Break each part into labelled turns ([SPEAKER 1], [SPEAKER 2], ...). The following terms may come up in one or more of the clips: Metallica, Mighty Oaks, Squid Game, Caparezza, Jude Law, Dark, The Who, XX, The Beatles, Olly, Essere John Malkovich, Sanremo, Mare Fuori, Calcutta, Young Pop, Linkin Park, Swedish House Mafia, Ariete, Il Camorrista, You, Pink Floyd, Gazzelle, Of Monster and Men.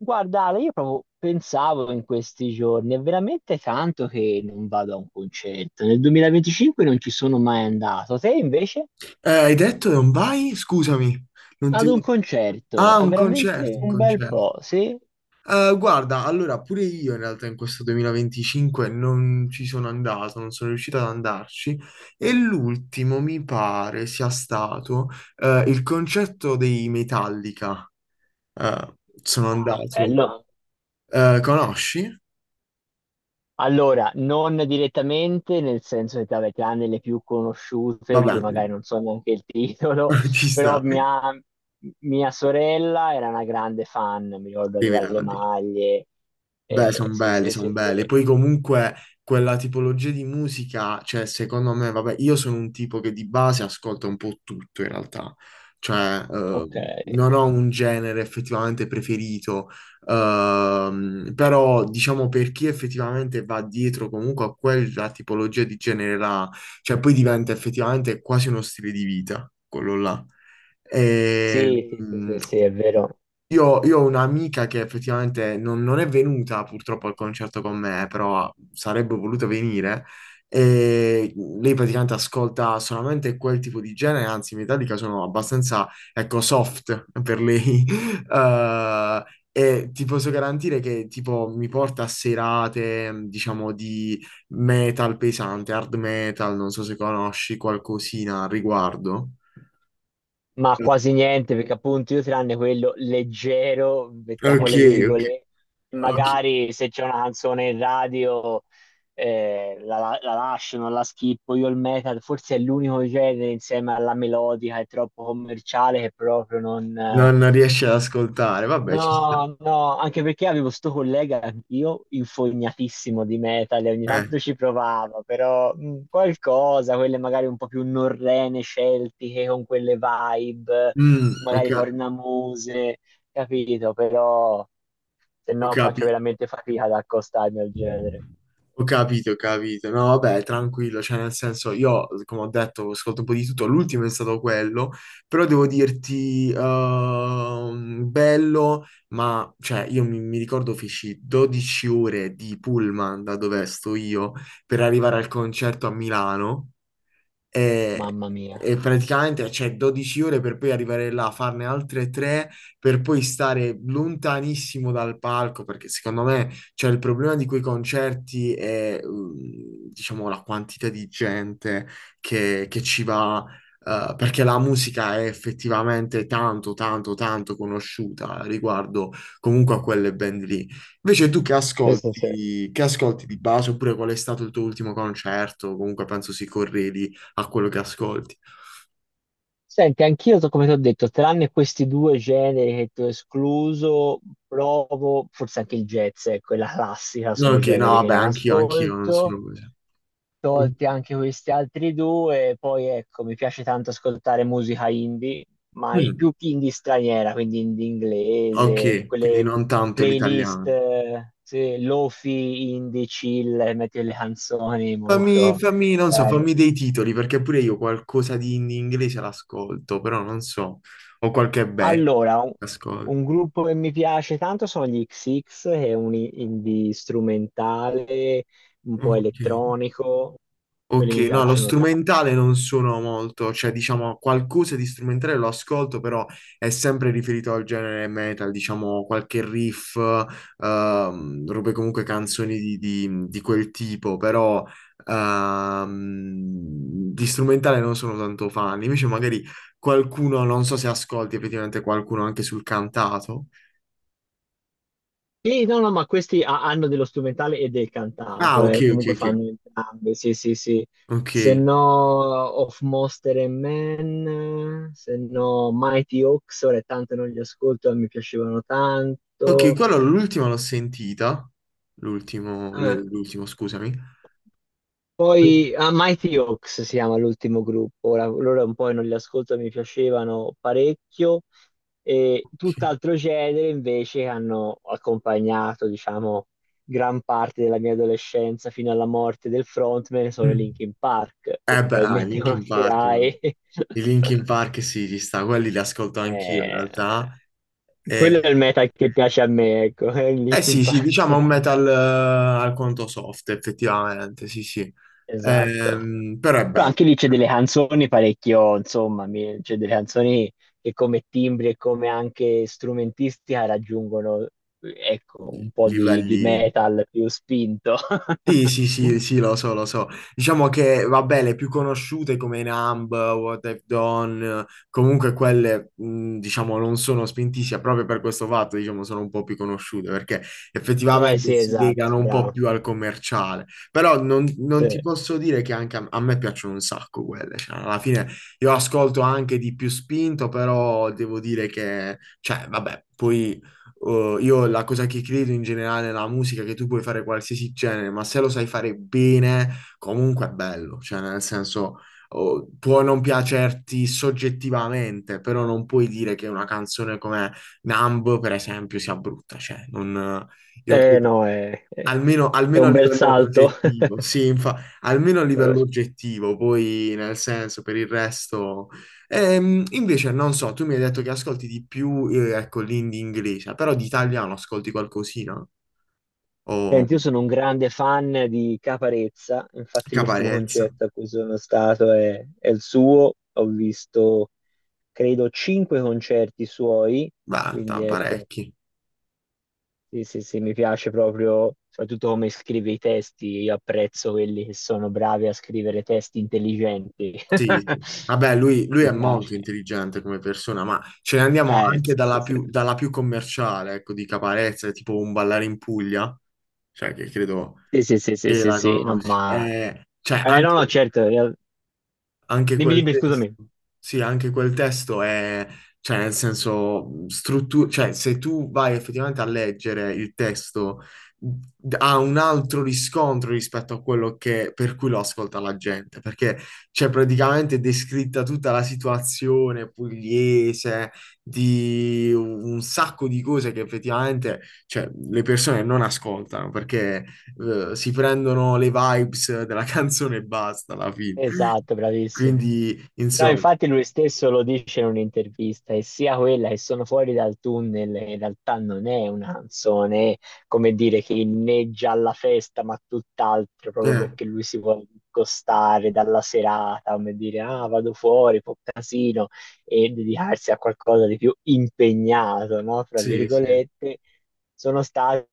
[SPEAKER 1] Guarda, Ale, io proprio pensavo in questi giorni, è veramente tanto che non vado a un concerto. Nel 2025 non ci sono mai andato. Te invece
[SPEAKER 2] Hai detto che non vai? Scusami, non ti...
[SPEAKER 1] ad un concerto,
[SPEAKER 2] Ah,
[SPEAKER 1] è
[SPEAKER 2] un
[SPEAKER 1] veramente
[SPEAKER 2] concerto, un
[SPEAKER 1] un bel
[SPEAKER 2] concerto.
[SPEAKER 1] po', sì?
[SPEAKER 2] Guarda, allora, pure io in realtà in questo 2025 non ci sono andato, non sono riuscito ad andarci e l'ultimo mi pare sia stato il concerto dei Metallica. Eh, sono
[SPEAKER 1] Ah,
[SPEAKER 2] andato...
[SPEAKER 1] bello.
[SPEAKER 2] conosci?
[SPEAKER 1] Allora, non direttamente, nel senso che vabbè, tranne le più conosciute, di
[SPEAKER 2] Vabbè,
[SPEAKER 1] cui magari non so neanche il titolo,
[SPEAKER 2] ci
[SPEAKER 1] però
[SPEAKER 2] sta,
[SPEAKER 1] mia sorella era una grande fan, mi ricordo
[SPEAKER 2] dei
[SPEAKER 1] aveva le
[SPEAKER 2] Metallica.
[SPEAKER 1] maglie.
[SPEAKER 2] Beh, sono
[SPEAKER 1] Sì,
[SPEAKER 2] belli,
[SPEAKER 1] sì,
[SPEAKER 2] sono
[SPEAKER 1] sì, sì.
[SPEAKER 2] belli. Poi comunque quella tipologia di musica, cioè secondo me, vabbè, io sono un tipo che di base ascolta un po' tutto in realtà. Cioè,
[SPEAKER 1] Ok.
[SPEAKER 2] non ho un genere effettivamente preferito. Però diciamo per chi effettivamente va dietro comunque a quella tipologia di genere là, cioè poi diventa effettivamente quasi uno stile di vita, quello là.
[SPEAKER 1] Sì,
[SPEAKER 2] E,
[SPEAKER 1] sì, sì,
[SPEAKER 2] mh,
[SPEAKER 1] sì, sì, è vero,
[SPEAKER 2] io ho un'amica che effettivamente non è venuta purtroppo al concerto con me, però sarebbe voluta venire. E lei praticamente ascolta solamente quel tipo di genere, anzi, i Metallica sono abbastanza, ecco, soft per lei. Eh, e ti posso garantire che tipo mi porta a serate, diciamo, di metal pesante, hard metal, non so se conosci qualcosina al riguardo.
[SPEAKER 1] ma quasi niente perché appunto io tranne quello leggero, mettiamo
[SPEAKER 2] Ok,
[SPEAKER 1] le
[SPEAKER 2] ok.
[SPEAKER 1] virgolette,
[SPEAKER 2] Ok,
[SPEAKER 1] magari se c'è una canzone in radio la lascio, non la schippo, io il metal forse è l'unico genere insieme alla melodica, è troppo commerciale che proprio non...
[SPEAKER 2] Non riesci ad ascoltare, vabbè, ci sta.
[SPEAKER 1] No, no, anche perché avevo sto collega anch'io, infognatissimo di metal, e ogni
[SPEAKER 2] Eh.
[SPEAKER 1] tanto ci provava, però qualcosa, quelle magari un po' più norrene, celtiche, con quelle vibe,
[SPEAKER 2] Mm, ho,
[SPEAKER 1] magari
[SPEAKER 2] ca-
[SPEAKER 1] cornamuse, capito? Però se
[SPEAKER 2] ho
[SPEAKER 1] no faccio
[SPEAKER 2] capi-
[SPEAKER 1] veramente fatica ad accostarmi al genere,
[SPEAKER 2] ho capito, ho capito. No, vabbè, tranquillo, cioè nel senso, io, come ho detto, ascolto un po' di tutto, l'ultimo è stato quello, però devo dirti, bello, ma, cioè, mi ricordo feci 12 ore di pullman da dove sto io per arrivare al concerto a Milano. E,
[SPEAKER 1] mamma mia.
[SPEAKER 2] e praticamente c'è 12 ore per poi arrivare là, farne altre tre per poi stare lontanissimo dal palco, perché secondo me c'è il problema di quei concerti è, mm, diciamo, la quantità di gente che ci va. Perché la musica è effettivamente tanto, tanto, tanto conosciuta riguardo comunque a quelle band lì. Invece tu
[SPEAKER 1] Sì, sì, sì.
[SPEAKER 2] che ascolti di base, oppure qual è stato il tuo ultimo concerto? Comunque penso si corredi a quello che ascolti.
[SPEAKER 1] Senti, anch'io, come ti ho detto, tranne questi due generi che ti ho escluso, provo, forse anche il jazz, ecco, è la classica,
[SPEAKER 2] No,
[SPEAKER 1] sono
[SPEAKER 2] ok, no,
[SPEAKER 1] generi che
[SPEAKER 2] vabbè,
[SPEAKER 1] non
[SPEAKER 2] anch'io non
[SPEAKER 1] ascolto,
[SPEAKER 2] sono così. Mm,
[SPEAKER 1] tolti anche questi altri due, poi ecco, mi piace tanto ascoltare musica indie, ma
[SPEAKER 2] mm,
[SPEAKER 1] più indie straniera, quindi indie inglese,
[SPEAKER 2] ok, quindi
[SPEAKER 1] quelle
[SPEAKER 2] non tanto
[SPEAKER 1] playlist,
[SPEAKER 2] l'italiano.
[SPEAKER 1] sì, lofi, indie, chill, metti le canzoni molto...
[SPEAKER 2] Fammi, non so, fammi dei titoli, perché pure io qualcosa di in inglese l'ascolto, però non so, ho qualche band che
[SPEAKER 1] Allora,
[SPEAKER 2] ascolto.
[SPEAKER 1] un gruppo che mi piace tanto sono gli XX, che è un indie strumentale, un po'
[SPEAKER 2] Ok.
[SPEAKER 1] elettronico,
[SPEAKER 2] Ok,
[SPEAKER 1] quelli mi
[SPEAKER 2] no, lo
[SPEAKER 1] piacciono tanto.
[SPEAKER 2] strumentale non sono molto, cioè diciamo qualcosa di strumentale lo ascolto, però è sempre riferito al genere metal, diciamo qualche riff, robe comunque canzoni di quel tipo, però ehm, di strumentale non sono tanto fan, invece magari qualcuno, non so se ascolti effettivamente qualcuno anche sul cantato.
[SPEAKER 1] Sì, no, no, ma questi hanno dello strumentale e del
[SPEAKER 2] Ah,
[SPEAKER 1] cantato, comunque fanno entrambi, sì, sì, sì.
[SPEAKER 2] ok,
[SPEAKER 1] Se no, Of Monster and Men, se no, Mighty Oaks, ora è tanto non li ascolto, ma mi piacevano
[SPEAKER 2] ok,
[SPEAKER 1] tanto.
[SPEAKER 2] quello l'ultima l'ho sentita,
[SPEAKER 1] Eh,
[SPEAKER 2] l'ultimo, scusami. Ok.
[SPEAKER 1] Poi ah, Mighty Oaks si chiama l'ultimo gruppo, ora loro un po' non li ascolto, mi piacevano parecchio, e tutt'altro genere invece che hanno accompagnato, diciamo, gran parte della mia adolescenza fino alla morte del frontman sono i
[SPEAKER 2] Mm.
[SPEAKER 1] Linkin Park, che
[SPEAKER 2] Eh beh, ah, i
[SPEAKER 1] probabilmente
[SPEAKER 2] Linkin Park, eh.
[SPEAKER 1] conoscerai.
[SPEAKER 2] I Linkin Park sì, ci sta, quelli li ascolto anch'io in
[SPEAKER 1] Eh,
[SPEAKER 2] realtà. Eh,
[SPEAKER 1] quello è il metal che piace a me, ecco, è il
[SPEAKER 2] eh
[SPEAKER 1] Linkin
[SPEAKER 2] sì, sì,
[SPEAKER 1] Park.
[SPEAKER 2] diciamo un metal al conto soft, effettivamente, sì, sì.
[SPEAKER 1] Esatto.
[SPEAKER 2] Però è
[SPEAKER 1] Però
[SPEAKER 2] bello,
[SPEAKER 1] anche lì c'è delle canzoni parecchio, insomma, c'è delle canzoni che come timbri e come anche strumentistica raggiungono, ecco, un po' di
[SPEAKER 2] livelli
[SPEAKER 1] metal più spinto.
[SPEAKER 2] sì, sì, sì, sì, lo so, lo so. Diciamo che, vabbè, le più conosciute come Numb, What I've Done, comunque quelle, diciamo, non sono spintissime proprio per questo fatto, diciamo, sono un po' più conosciute perché
[SPEAKER 1] Eh
[SPEAKER 2] effettivamente
[SPEAKER 1] sì,
[SPEAKER 2] si
[SPEAKER 1] esatto,
[SPEAKER 2] legano un po'
[SPEAKER 1] bravo.
[SPEAKER 2] più al commerciale. Però non ti
[SPEAKER 1] Sì.
[SPEAKER 2] posso dire che anche a me piacciono un sacco quelle, cioè, alla fine io ascolto anche di più spinto, però devo dire che, cioè, vabbè, poi... io la cosa che credo in generale nella musica è che tu puoi fare qualsiasi genere, ma se lo sai fare bene, comunque è bello. Cioè, nel senso, oh, può non piacerti soggettivamente, però non puoi dire che una canzone come Numb, per esempio, sia brutta. Cioè, non, io
[SPEAKER 1] Eh
[SPEAKER 2] credo-
[SPEAKER 1] no,
[SPEAKER 2] Almeno,
[SPEAKER 1] è
[SPEAKER 2] almeno a
[SPEAKER 1] un bel
[SPEAKER 2] livello
[SPEAKER 1] salto.
[SPEAKER 2] oggettivo, sì, almeno a
[SPEAKER 1] Eh,
[SPEAKER 2] livello oggettivo, poi nel senso per il resto. Invece, non so, tu mi hai detto che ascolti di più, ecco, l'indie inglese, però di italiano ascolti qualcosina? O
[SPEAKER 1] Senti, io sono un grande fan di Caparezza, infatti l'ultimo
[SPEAKER 2] Caparezza?
[SPEAKER 1] concerto a cui sono stato è il suo, ho visto credo 5 concerti suoi,
[SPEAKER 2] Beh,
[SPEAKER 1] quindi ecco,
[SPEAKER 2] parecchi.
[SPEAKER 1] sì, sì, sì, mi piace proprio, soprattutto come scrive i testi, io apprezzo quelli che sono bravi a scrivere testi intelligenti.
[SPEAKER 2] Sì, sì. Vabbè, lui è
[SPEAKER 1] Mi
[SPEAKER 2] molto
[SPEAKER 1] piace.
[SPEAKER 2] intelligente come persona, ma ce ne andiamo anche
[SPEAKER 1] Sì, sì, sì.
[SPEAKER 2] dalla più commerciale, ecco, di Caparezza, tipo un ballare in Puglia, cioè che credo
[SPEAKER 1] Sì, sì, sì, sì,
[SPEAKER 2] sì,
[SPEAKER 1] sì,
[SPEAKER 2] la
[SPEAKER 1] sì, no,
[SPEAKER 2] conosci.
[SPEAKER 1] ma...
[SPEAKER 2] Cioè,
[SPEAKER 1] No, no,
[SPEAKER 2] anche,
[SPEAKER 1] certo,
[SPEAKER 2] anche
[SPEAKER 1] dimmi,
[SPEAKER 2] quel
[SPEAKER 1] dimmi,
[SPEAKER 2] testo,
[SPEAKER 1] scusami.
[SPEAKER 2] sì, anche quel testo è, cioè, nel senso, struttura, cioè, se tu vai effettivamente a leggere il testo, ha un altro riscontro rispetto a quello che, per cui lo ascolta la gente, perché c'è praticamente descritta tutta la situazione pugliese, di un sacco di cose che effettivamente, cioè, le persone non ascoltano, perché, si prendono le vibes della canzone e basta alla fine.
[SPEAKER 1] Esatto, bravissimo.
[SPEAKER 2] Quindi,
[SPEAKER 1] No,
[SPEAKER 2] insomma,
[SPEAKER 1] infatti lui stesso lo dice in un'intervista, e sia quella che sono fuori dal tunnel, in realtà non è una canzone, come dire, che inneggia alla festa, ma tutt'altro, proprio
[SPEAKER 2] eh,
[SPEAKER 1] perché lui si vuole discostare dalla serata, come dire, ah, vado fuori, po' casino, e dedicarsi a qualcosa di più impegnato, no? Fra
[SPEAKER 2] sì, sì,
[SPEAKER 1] virgolette, sono state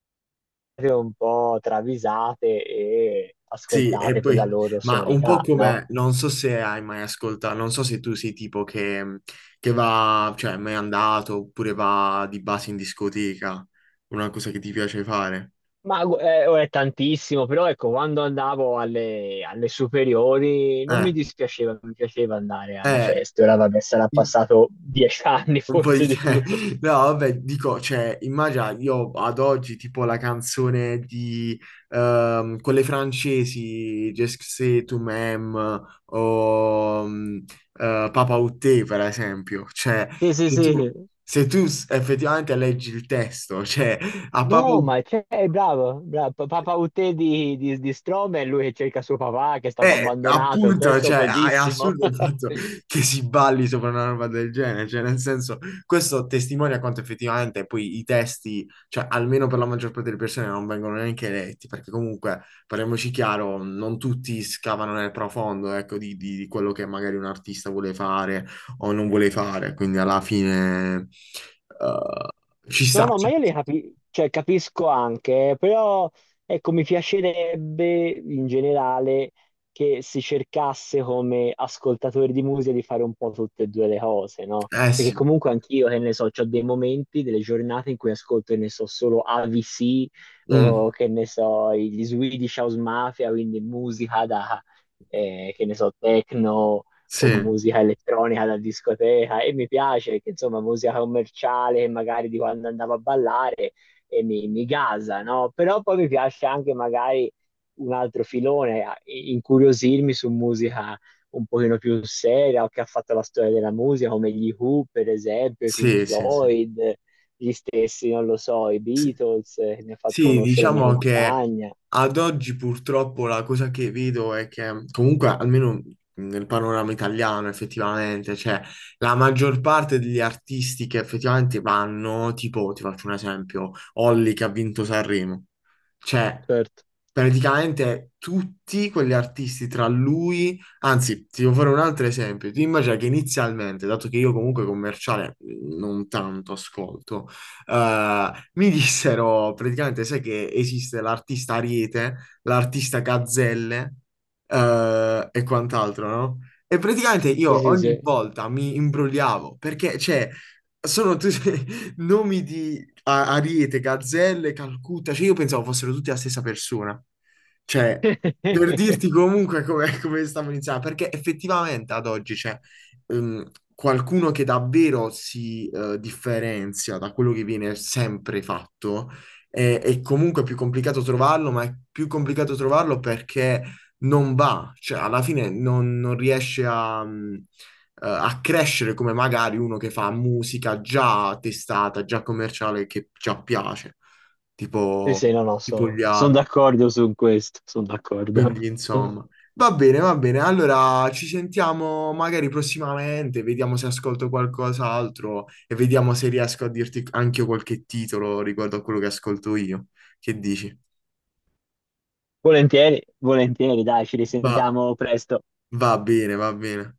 [SPEAKER 1] un po' travisate e
[SPEAKER 2] sì, e
[SPEAKER 1] ascoltate per la
[SPEAKER 2] poi,
[SPEAKER 1] loro
[SPEAKER 2] ma un po'
[SPEAKER 1] sonorità, no?
[SPEAKER 2] come, non so se hai mai ascoltato, non so se tu sei tipo che va, cioè, è mai andato oppure va di base in discoteca, una cosa che ti piace fare.
[SPEAKER 1] Ma oh, è tantissimo, però ecco, quando andavo alle superiori non mi
[SPEAKER 2] Eh,
[SPEAKER 1] dispiaceva, mi piaceva andare alle
[SPEAKER 2] eh,
[SPEAKER 1] feste. Ora vabbè, sarà
[SPEAKER 2] i-
[SPEAKER 1] passato 10 anni,
[SPEAKER 2] Un po'
[SPEAKER 1] forse
[SPEAKER 2] di
[SPEAKER 1] di più.
[SPEAKER 2] te. No, vabbè, dico, cioè, immagina, io ad oggi, tipo la canzone di quelle francesi, Je sais tu m'aimes, o mm, Papa Outé, per esempio. Cioè,
[SPEAKER 1] Sì, sì, sì.
[SPEAKER 2] se tu effettivamente leggi il testo, cioè, a Papa
[SPEAKER 1] No, ma c'è, è bravo, bravo. Papà Uté di Strohm è lui che cerca suo papà, che è stato
[SPEAKER 2] eh,
[SPEAKER 1] abbandonato, è un
[SPEAKER 2] appunto,
[SPEAKER 1] testo
[SPEAKER 2] cioè, è
[SPEAKER 1] pesissimo.
[SPEAKER 2] assurdo il fatto che si balli sopra una roba del genere, cioè, nel senso, questo testimonia quanto effettivamente poi i testi, cioè, almeno per la maggior parte delle persone non vengono neanche letti, perché comunque, parliamoci chiaro, non tutti scavano nel profondo, ecco, di quello che magari un artista vuole fare o non vuole fare, quindi alla fine, ci
[SPEAKER 1] No,
[SPEAKER 2] sta,
[SPEAKER 1] no, ma
[SPEAKER 2] cioè.
[SPEAKER 1] io le cioè, capisco anche, però ecco, mi piacerebbe in generale che si cercasse come ascoltatori di musica di fare un po' tutte e due le cose, no?
[SPEAKER 2] Eh
[SPEAKER 1] Perché
[SPEAKER 2] sì,
[SPEAKER 1] comunque anch'io, che ne so, ho dei momenti, delle giornate in cui ascolto, che ne so, solo AVC
[SPEAKER 2] mm,
[SPEAKER 1] o che ne so, gli Swedish House Mafia, quindi musica da, che ne so, techno o
[SPEAKER 2] sì,
[SPEAKER 1] musica elettronica da discoteca e mi piace che insomma musica commerciale che magari di quando andavo a ballare e mi gasa, no? Però poi mi piace anche magari un altro filone, incuriosirmi su musica un pochino più seria o che ha fatto la storia della musica come gli Who per esempio, i Pink
[SPEAKER 2] sì, sì, sì,
[SPEAKER 1] Floyd, gli stessi, non lo so, i
[SPEAKER 2] sì.
[SPEAKER 1] Beatles, che mi ha fatto
[SPEAKER 2] Sì,
[SPEAKER 1] conoscere la mia
[SPEAKER 2] diciamo che
[SPEAKER 1] compagna.
[SPEAKER 2] ad oggi purtroppo la cosa che vedo è che comunque almeno nel panorama italiano effettivamente, cioè la maggior parte degli artisti che effettivamente vanno, tipo ti faccio un esempio, Olly che ha vinto Sanremo, cioè
[SPEAKER 1] Certo.
[SPEAKER 2] praticamente tutti quegli artisti tra lui, anzi ti devo fare un altro esempio, ti immagina che inizialmente, dato che io comunque commerciale non tanto ascolto, eh, mi dissero praticamente, sai che esiste l'artista Ariete, l'artista Gazzelle e quant'altro, no? E praticamente
[SPEAKER 1] Sì,
[SPEAKER 2] io
[SPEAKER 1] sì,
[SPEAKER 2] ogni
[SPEAKER 1] sì.
[SPEAKER 2] volta mi imbrogliavo perché, cioè, sono tutti nomi Ariete, Gazzelle, Calcutta, cioè io pensavo fossero tutti la stessa persona. Cioè, per dirti comunque come, come stavo iniziando, perché effettivamente ad oggi, cioè, ehm, qualcuno che davvero si differenzia da quello che viene sempre fatto, è comunque più complicato trovarlo, ma è più complicato trovarlo perché non va, cioè alla fine non riesce a, a crescere come magari uno che fa musica già testata, già commerciale, che già piace,
[SPEAKER 1] Sì, sì, no, no,
[SPEAKER 2] tipo
[SPEAKER 1] sono
[SPEAKER 2] gli altri.
[SPEAKER 1] d'accordo su questo, sono d'accordo.
[SPEAKER 2] Quindi, insomma, va bene, va bene. Allora ci sentiamo magari prossimamente, vediamo se ascolto qualcos'altro e vediamo se riesco a dirti anche io qualche titolo riguardo a quello che ascolto io. Che dici?
[SPEAKER 1] Volentieri, volentieri, dai, ci
[SPEAKER 2] Va,
[SPEAKER 1] risentiamo presto.
[SPEAKER 2] va bene, va bene.